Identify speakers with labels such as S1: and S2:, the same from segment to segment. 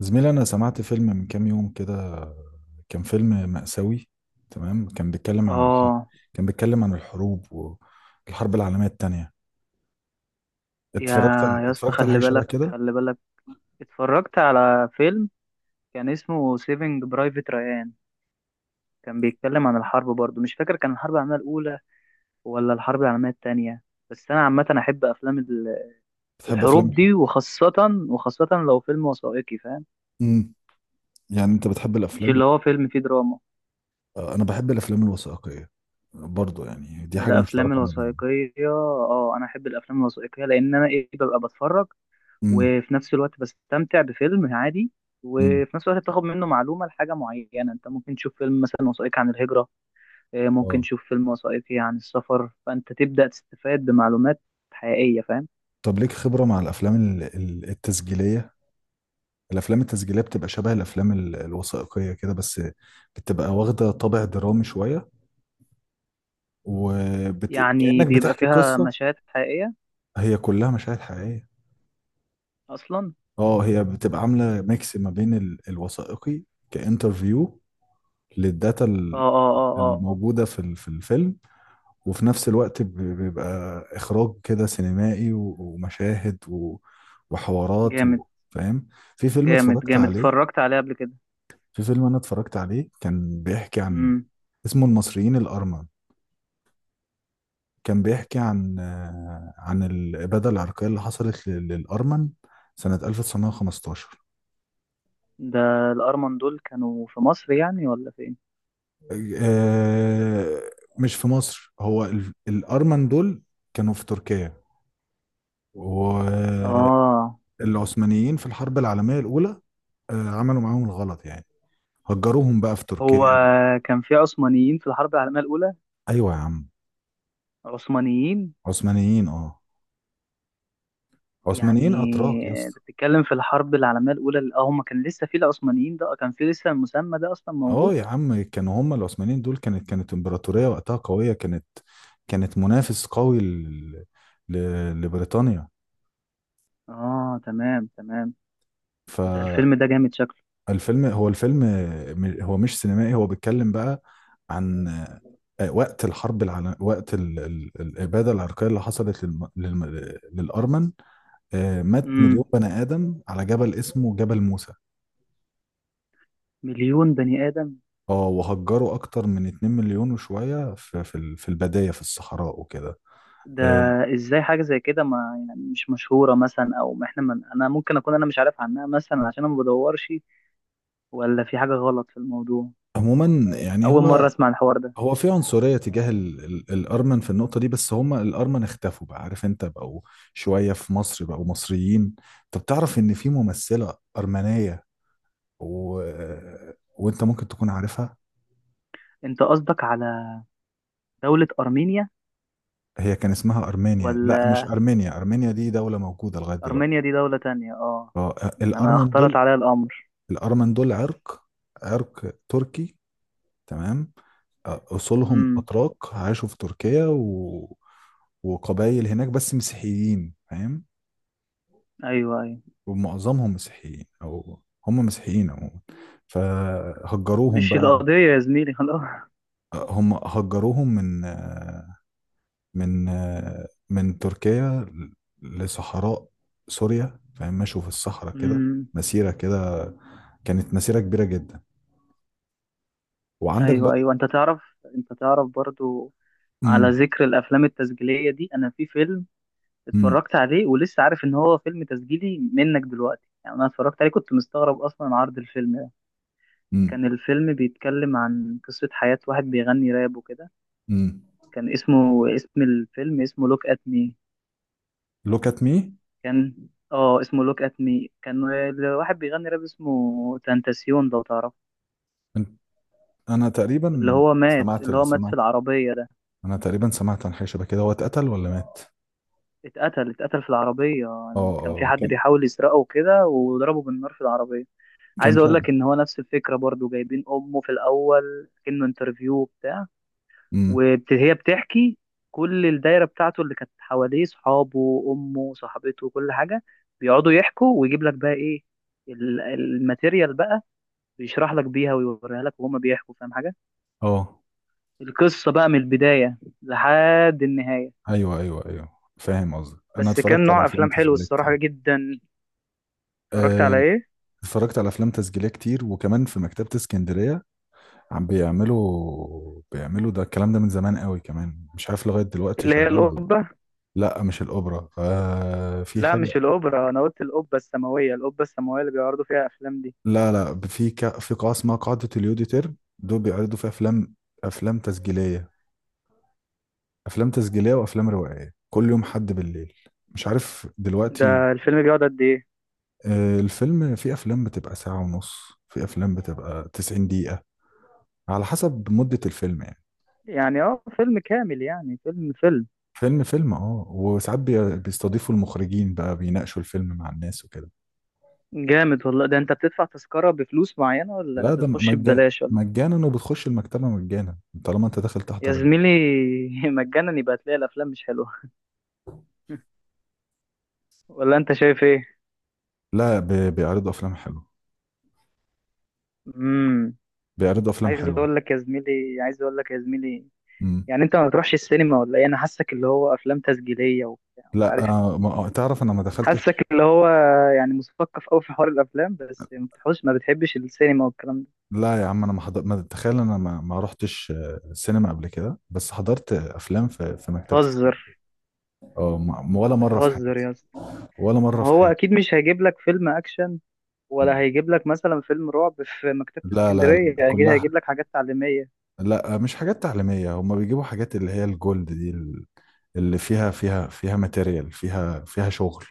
S1: زميلي، أنا سمعت فيلم من كام يوم كده. كان فيلم مأساوي. تمام، كان بيتكلم عن الحرب.
S2: اه،
S1: كان بيتكلم عن الحروب والحرب العالمية التانية.
S2: يا يا اسطى،
S1: اتفرجت على
S2: خلي
S1: حاجة شبه
S2: بالك،
S1: كده.
S2: خلي بالك. اتفرجت على فيلم كان اسمه سيفنج برايفت ريان، كان بيتكلم عن الحرب برضو. مش فاكر كان الحرب العالمية الأولى ولا الحرب العالمية التانية، بس أنا عامة أحب أفلام
S1: بتحب أفلام
S2: الحروب
S1: الحروب؟
S2: دي، وخاصة لو فيلم وثائقي فاهم،
S1: امم يعني أنت بتحب
S2: مش
S1: الأفلام؟
S2: اللي هو فيلم فيه دراما.
S1: أنا بحب الأفلام الوثائقية برضو، يعني دي حاجة
S2: الأفلام
S1: مشتركة ما بيننا.
S2: الوثائقية، أنا أحب الأفلام الوثائقية، لأن أنا إيه ببقى بتفرج
S1: امم.
S2: وفي نفس الوقت بستمتع بفيلم عادي،
S1: امم.
S2: وفي نفس الوقت بتاخد منه معلومة لحاجة معينة. انت ممكن تشوف فيلم مثلا وثائقي عن الهجرة، ممكن
S1: اه.
S2: تشوف فيلم وثائقي عن السفر، فانت تبدأ تستفاد بمعلومات حقيقية فاهم.
S1: طب ليك خبرة مع الأفلام التسجيلية. الأفلام التسجيلية بتبقى شبه الأفلام الوثائقية كده، بس بتبقى واخدة طابع درامي شوية،
S2: يعني
S1: كأنك
S2: بيبقى
S1: بتحكي
S2: فيها
S1: قصة.
S2: مشاهد حقيقية
S1: هي كلها مشاهد حقيقية.
S2: اصلا.
S1: اه، هي بتبقى عاملة ميكس ما بين الوثائقي، كانترفيو، للداتا
S2: اه اه اه اه آه.
S1: الموجودة في الفيلم. وفي نفس الوقت بيبقى إخراج كده سينمائي ومشاهد وحوارات
S2: جامد
S1: فاهم. في فيلم
S2: جامد
S1: اتفرجت
S2: جامد،
S1: عليه.
S2: اتفرجت عليه قبل كده.
S1: في فيلم أنا اتفرجت عليه كان بيحكي عن،
S2: امم.
S1: اسمه المصريين الأرمن. كان بيحكي عن عن الإبادة العرقية اللي حصلت للأرمن سنة 1915.
S2: ده الارمن دول كانوا في مصر يعني ولا فين؟
S1: آه، مش في مصر، هو الأرمن دول كانوا في تركيا والعثمانيين
S2: اه.
S1: في الحرب العالمية الأولى. عملوا معاهم الغلط يعني، هجروهم بقى في
S2: هو
S1: تركيا.
S2: كان في عثمانيين في الحرب العالمية الأولى؟
S1: أيوة يا عم.
S2: عثمانيين؟
S1: عثمانيين، اه. عثمانيين أتراك يا
S2: يعني انت
S1: اسطى.
S2: بتتكلم في الحرب العالمية الأولى، هما كان لسه في العثمانيين ده؟ كان في لسه المسمى ده أصلا
S1: اه
S2: موجود؟
S1: يا عم، كانوا هم العثمانيين دول كانت امبراطورية وقتها قوية، كانت كانت منافس قوي ل... لبريطانيا.
S2: اه، تمام تمام. ده
S1: فالفيلم.
S2: الفيلم ده جامد شكله.
S1: هو الفيلم، هو مش سينمائي، هو بيتكلم بقى عن وقت الحرب العالم وقت الإبادة العرقية اللي حصلت للأرمن. مات مليون
S2: امم.
S1: بني آدم على جبل اسمه جبل موسى.
S2: مليون بني آدم؟
S1: اه، وهجروا أكتر من 2 مليون وشوية في البداية في الصحراء وكده.
S2: ده
S1: آه،
S2: ازاي حاجة زي كده ما يعني مش مشهورة مثلا؟ أو ما احنا من، أنا ممكن أكون أنا مش عارف عنها مثلا عشان أنا ما بدورش، ولا في حاجة غلط في الموضوع؟
S1: عموما يعني
S2: أول مرة
S1: هو،
S2: أسمع الحوار ده.
S1: هو في عنصرية تجاه ال ال الأرمن في النقطة دي، بس هم الأرمن اختفوا بقى عارف انت، بقوا شوية في مصر بقوا مصريين. طب تعرف ان في ممثلة أرمنية و... وانت ممكن تكون عارفها.
S2: أنت قصدك على دولة أرمينيا؟
S1: هي كان اسمها أرمينيا، لا
S2: ولا
S1: مش أرمينيا، أرمينيا دي دولة موجودة لغاية دلوقتي.
S2: أرمينيا دي دولة تانية؟ اه،
S1: اه
S2: أنا
S1: الأرمن
S2: اختلط
S1: دول،
S2: عليا الأمر.
S1: الأرمن دول عرق، عرق تركي، تمام. أصولهم
S2: امم.
S1: أتراك عاشوا في تركيا وقبائل هناك بس مسيحيين فاهم.
S2: أيوه أيوه.
S1: ومعظمهم مسيحيين، او هم مسيحيين عموما. فهجروهم
S2: مش
S1: بقى.
S2: القضية يا زميلي، خلاص.
S1: هم هجروهم من من تركيا لصحراء سوريا فاهم، مشوا في الصحراء كده
S2: أمم،
S1: مسيرة كده، كانت مسيرة كبيرة جدا. وعندك
S2: أيوه
S1: بقى.
S2: أيوه. أنت تعرف، أنت تعرف برضو، على
S1: مم.
S2: ذكر الأفلام التسجيلية دي، أنا في فيلم
S1: مم.
S2: اتفرجت عليه ولسه عارف إن هو فيلم تسجيلي منك دلوقتي. يعني أنا اتفرجت عليه كنت مستغرب أصلا عرض الفيلم ده.
S1: مم.
S2: كان الفيلم بيتكلم عن قصة حياة واحد بيغني راب وكده.
S1: مم.
S2: كان اسمه، اسم الفيلم اسمه لوك أت مي.
S1: look at me.
S2: كان، اه اسمه لوك أت مي. كان الواحد بيغني راب، اسمه تنتاسيون لو تعرف،
S1: أنت- انا
S2: اللي
S1: تقريبا
S2: هو مات،
S1: سمعت
S2: اللي هو مات في
S1: سمعت
S2: العربية.
S1: انا تقريبا سمعت عن حاجة شبه كده، هو اتقتل ولا مات؟
S2: اتقتل، اتقتل في العربية.
S1: اه
S2: كان في
S1: اه،
S2: حد
S1: كان،
S2: بيحاول يسرقه وكده وضربه بالنار في العربية. عايز
S1: كان
S2: اقول
S1: شاب.
S2: لك ان هو نفس الفكرة برضو. جايبين امه في الاول كأنه انترفيو بتاع،
S1: امم.
S2: وهي بتحكي. كل الدايرة بتاعته اللي كانت حواليه، صحابه، امه، صاحبته، كل حاجة، بيقعدوا يحكوا ويجيب لك بقى ايه الماتيريال بقى، بيشرح لك بيها ويوريها لك وهما بيحكوا فاهم حاجة،
S1: اه.
S2: القصة بقى من البداية لحد النهاية.
S1: ايوه ايوه ايوه. فاهم قصدك، انا
S2: بس كان
S1: اتفرجت على
S2: نوع
S1: افلام
S2: افلام حلو
S1: تسجيليه كتير.
S2: الصراحة جدا. اتفرجت
S1: آه،
S2: على ايه؟
S1: اتفرجت على افلام تسجيليه كتير وكمان في مكتبه اسكندريه. عم بيعملوا ده الكلام ده من زمان قوي كمان، مش عارف لغايه دلوقتي
S2: اللي هي
S1: شغال ولا.
S2: القبة؟
S1: لا مش الاوبرا، في
S2: لا،
S1: حاجه.
S2: مش الأوبرا، أنا قلت القبة السماوية، القبة السماوية اللي بيعرضوا فيها أفلام دي.
S1: لا لا، في في قاعه اسمها قاعده اليوديتر، دول بيعرضوا فيها افلام، افلام تسجيليه. افلام تسجيليه وافلام روائيه كل يوم حد بالليل، مش عارف دلوقتي.
S2: ده الفيلم بيقعد قد إيه؟
S1: الفيلم، في افلام بتبقى ساعة ونص، في افلام بتبقى 90 دقيقة، على حسب مدة الفيلم يعني.
S2: يعني فيلم كامل؟ يعني فيلم فيلم؟
S1: فيلم فيلم، اه، وساعات بيستضيفوا المخرجين بقى بيناقشوا الفيلم مع الناس وكده.
S2: جامد والله. ده أنت بتدفع تذكرة بفلوس معينة، ولا
S1: لا ده
S2: بتخش
S1: مجانا،
S2: ببلاش ولا؟
S1: مجانا. وبتخش المكتبة مجانا طالما انت داخل
S2: يا
S1: تحضر
S2: زميلي، مجانا يبقى تلاقي الأفلام مش حلوة. ولا أنت شايف إيه؟
S1: لا، بيعرضوا افلام حلوة.
S2: امم.
S1: بيعرضوا افلام
S2: عايز
S1: حلوة.
S2: أقول لك يا زميلي، عايز أقول لك يا زميلي،
S1: امم.
S2: يعني أنت ما بتروحش السينما ولا إيه؟ أنا حاسك اللي هو أفلام تسجيلية وبتاع مش
S1: لا
S2: عارف إيه.
S1: ما تعرف انا ما
S2: حاسك
S1: دخلتش.
S2: اللي هو يعني مثقف قوي في حوار الافلام، بس ما بتحبش السينما والكلام ده.
S1: لا يا عم، انا ما حضرت، ما تخيل. انا ما رحتش سينما قبل كده، بس حضرت افلام في مكتبة السينما.
S2: بتهزر،
S1: اه، ولا مرة في حياتي.
S2: بتهزر يا اسطى.
S1: ولا مرة
S2: ما
S1: في
S2: هو
S1: حياتي.
S2: اكيد مش هيجيب لك فيلم اكشن، ولا هيجيب لك مثلا فيلم رعب في مكتبة
S1: لا لا
S2: اسكندرية،
S1: لا،
S2: اكيد
S1: كلها.
S2: هيجيب لك حاجات تعليمية،
S1: لا مش حاجات تعليمية، هما بيجيبوا حاجات اللي هي الجولد دي اللي فيها ماتيريال، فيها شغل.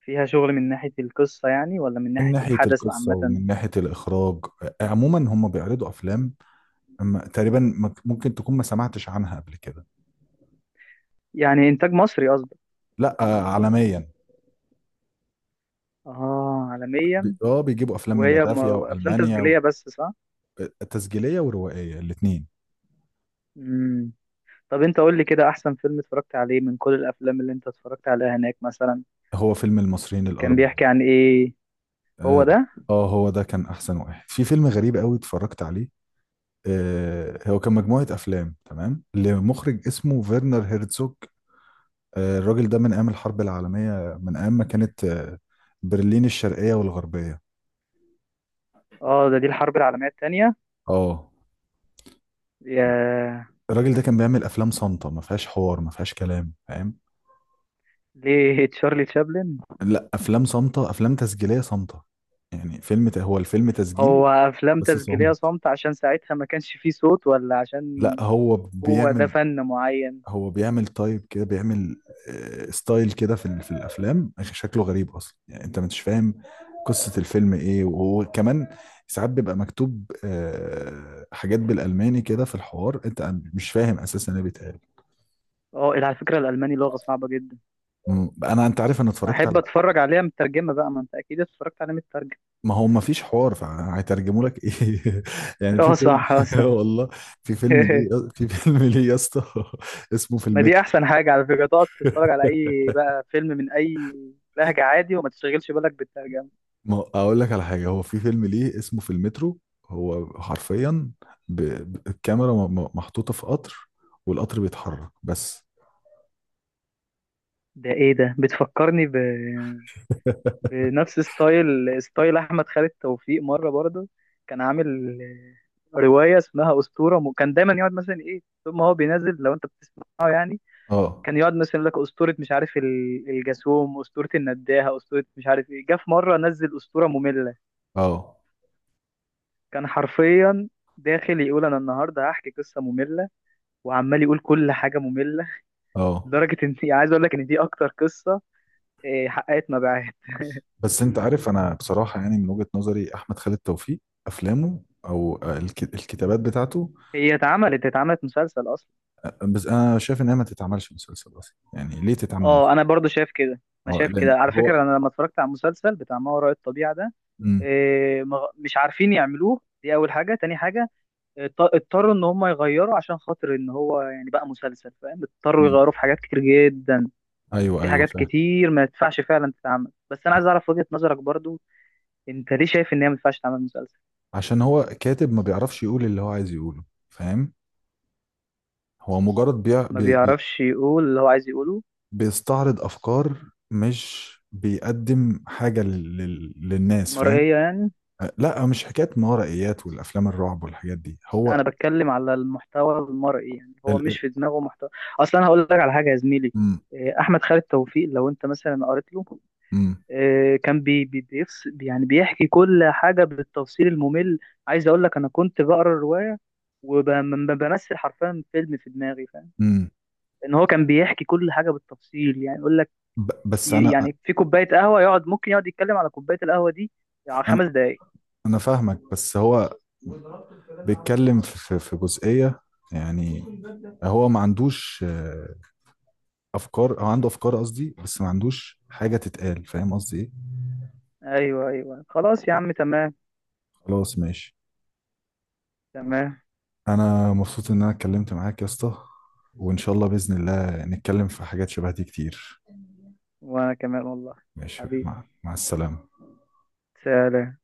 S2: فيها شغل. من ناحية القصة يعني، ولا من
S1: من
S2: ناحية
S1: ناحية
S2: الحدث
S1: القصة
S2: عامة؟
S1: ومن ناحية الإخراج. عموما هم بيعرضوا أفلام، أما تقريبا ممكن تكون ما سمعتش عنها قبل كده.
S2: يعني انتاج مصري قصدك؟
S1: لا عالميا.
S2: اه، عالميا.
S1: بيجيبوا أفلام من
S2: وهي
S1: لاتفيا
S2: افلام
S1: وألمانيا
S2: تسجيلية بس، صح؟
S1: تسجيلية وروائية الاتنين.
S2: امم. طب انت قول لي كده، احسن فيلم اتفرجت عليه من كل الافلام اللي انت اتفرجت عليها هناك مثلا.
S1: هو فيلم المصريين
S2: كان
S1: الأربعة.
S2: بيحكي عن ايه؟ هو
S1: اه.
S2: ده؟
S1: هو ده كان أحسن واحد. في فيلم غريب قوي اتفرجت عليه، هو كان مجموعة أفلام تمام لمخرج اسمه فيرنر هيرتزوج. الراجل ده من أيام الحرب العالمية، من أيام ما كانت برلين الشرقية والغربية.
S2: اه، دي الحرب العالمية التانية.
S1: اه.
S2: يا،
S1: الراجل ده كان بيعمل أفلام صامتة، ما فيهاش حوار ما فيهاش كلام فاهم.
S2: ليه؟ تشارلي تشابلن؟
S1: لا، أفلام صامتة، أفلام تسجيلية صامتة. يعني فيلم، هو الفيلم تسجيلي
S2: هو افلام
S1: بس
S2: تسجيلية
S1: صامت.
S2: صامتة عشان ساعتها ما كانش فيه صوت، ولا
S1: لا،
S2: عشان
S1: هو
S2: هو ده
S1: بيعمل،
S2: فن معين؟
S1: هو بيعمل تايب كده، بيعمل ستايل كده في في الافلام. شكله غريب اصلا يعني، انت مش فاهم قصة الفيلم ايه. وهو كمان ساعات بيبقى مكتوب حاجات بالالماني كده في الحوار، انت مش فاهم اساسا ايه بيتقال.
S2: اه، على فكرة الالماني لغة صعبة جدا.
S1: انا، انت عارف، انا
S2: ما
S1: اتفرجت
S2: احب
S1: على.
S2: اتفرج عليها مترجمة بقى. ما انت اكيد اتفرجت عليها مترجمة.
S1: ما هو ما فيش حوار، فهيترجموا لك ايه؟ يعني
S2: اه
S1: في فيلم.
S2: صح، اه صح.
S1: والله، في فيلم ليه، في فيلم ليه يا اسطى. اسمه في
S2: ما دي
S1: المترو.
S2: احسن حاجة على فكرة، تقعد تتفرج على اي بقى فيلم من اي لهجة عادي، وما تشغلش بالك بالترجمة.
S1: ما اقول لك على حاجه، هو في فيلم ليه اسمه في المترو. هو حرفيا، الكاميرا محطوطه في قطر، والقطر بيتحرك بس.
S2: ده ايه ده؟ بتفكرني بنفس ستايل احمد خالد توفيق مره برضه. كان عامل روايه اسمها اسطوره، كان دايما يقعد مثلا ايه طول ما هو بينزل، لو انت بتسمعه يعني،
S1: اه
S2: كان يقعد مثلا يقول لك اسطوره مش عارف الجاسوم، اسطوره النداهه، اسطوره مش عارف ايه. جه في مره نزل اسطوره ممله،
S1: اه
S2: كان حرفيا داخل يقول انا النهارده هحكي قصه ممله، وعمال يقول كل حاجه ممله،
S1: اه.
S2: لدرجه ان عايز اقول لك ان دي اكتر قصه حققت مبيعات.
S1: بس انت عارف، انا بصراحه يعني من وجهه نظري احمد خالد توفيق، افلامه او الكتابات بتاعته.
S2: هي اتعملت، مسلسل اصلا.
S1: بس انا شايف انها ما تتعملش مسلسل اصلا، يعني ليه تتعمل
S2: اه،
S1: مسلسل؟
S2: انا برضو شايف كده. انا
S1: اه
S2: شايف
S1: لان
S2: كده على
S1: هو.
S2: فكره، انا لما اتفرجت على المسلسل بتاع ما وراء الطبيعه ده،
S1: مم.
S2: مش عارفين يعملوه، دي اول حاجه. تاني حاجه، اضطروا ان هم يغيروا عشان خاطر ان هو يعني بقى مسلسل فاهم، اضطروا
S1: مم.
S2: يغيروا في حاجات كتير جدا،
S1: ايوه
S2: في
S1: ايوه،
S2: حاجات
S1: فاهم.
S2: كتير ما ينفعش فعلا تتعمل. بس انا عايز اعرف وجهه نظرك برضو، انت ليه شايف ان هي ما ينفعش تعمل مسلسل؟
S1: عشان هو كاتب ما بيعرفش يقول اللي هو عايز يقوله، فاهم. هو مجرد
S2: ما بيعرفش يقول اللي هو عايز يقوله؟
S1: بيستعرض افكار، مش بيقدم حاجه للناس فاهم.
S2: مرئيه يعني؟
S1: لا مش حكايه ما ورائيات والافلام الرعب والحاجات دي
S2: لا،
S1: هو.
S2: انا بتكلم على المحتوى المرئي، يعني هو
S1: ال... ال-
S2: مش في دماغه محتوى اصلا. انا هقول لك على حاجه يا زميلي.
S1: م...
S2: احمد خالد توفيق لو انت مثلا قريت له،
S1: م...
S2: كان بي بي بيفس، يعني بيحكي كل حاجه بالتفصيل الممل. عايز اقول لك انا كنت بقرا الروايه وبمثل حرفيا فيلم في دماغي فاهم.
S1: م.
S2: ان هو كان بيحكي كل حاجه بالتفصيل، يعني يقول لك
S1: بس انا،
S2: يعني في كوبايه قهوه، ممكن يقعد يتكلم على كوبايه القهوه دي على
S1: انا
S2: 5 دقائق.
S1: انا فاهمك، بس هو بيتكلم في جزئيه يعني، هو ما عندوش افكار، او عنده افكار قصدي، بس ما عندوش حاجه تتقال. فاهم قصدي ايه؟
S2: ايوه ايوه خلاص يا عم، تمام.
S1: خلاص ماشي.
S2: تمام.
S1: انا مبسوط ان انا اتكلمت معاك يا اسطى، وان شاء الله باذن الله نتكلم في حاجات شبه دي كتير.
S2: وانا كمان والله.
S1: ماشي،
S2: حبيبي،
S1: مع السلامه.
S2: سلام.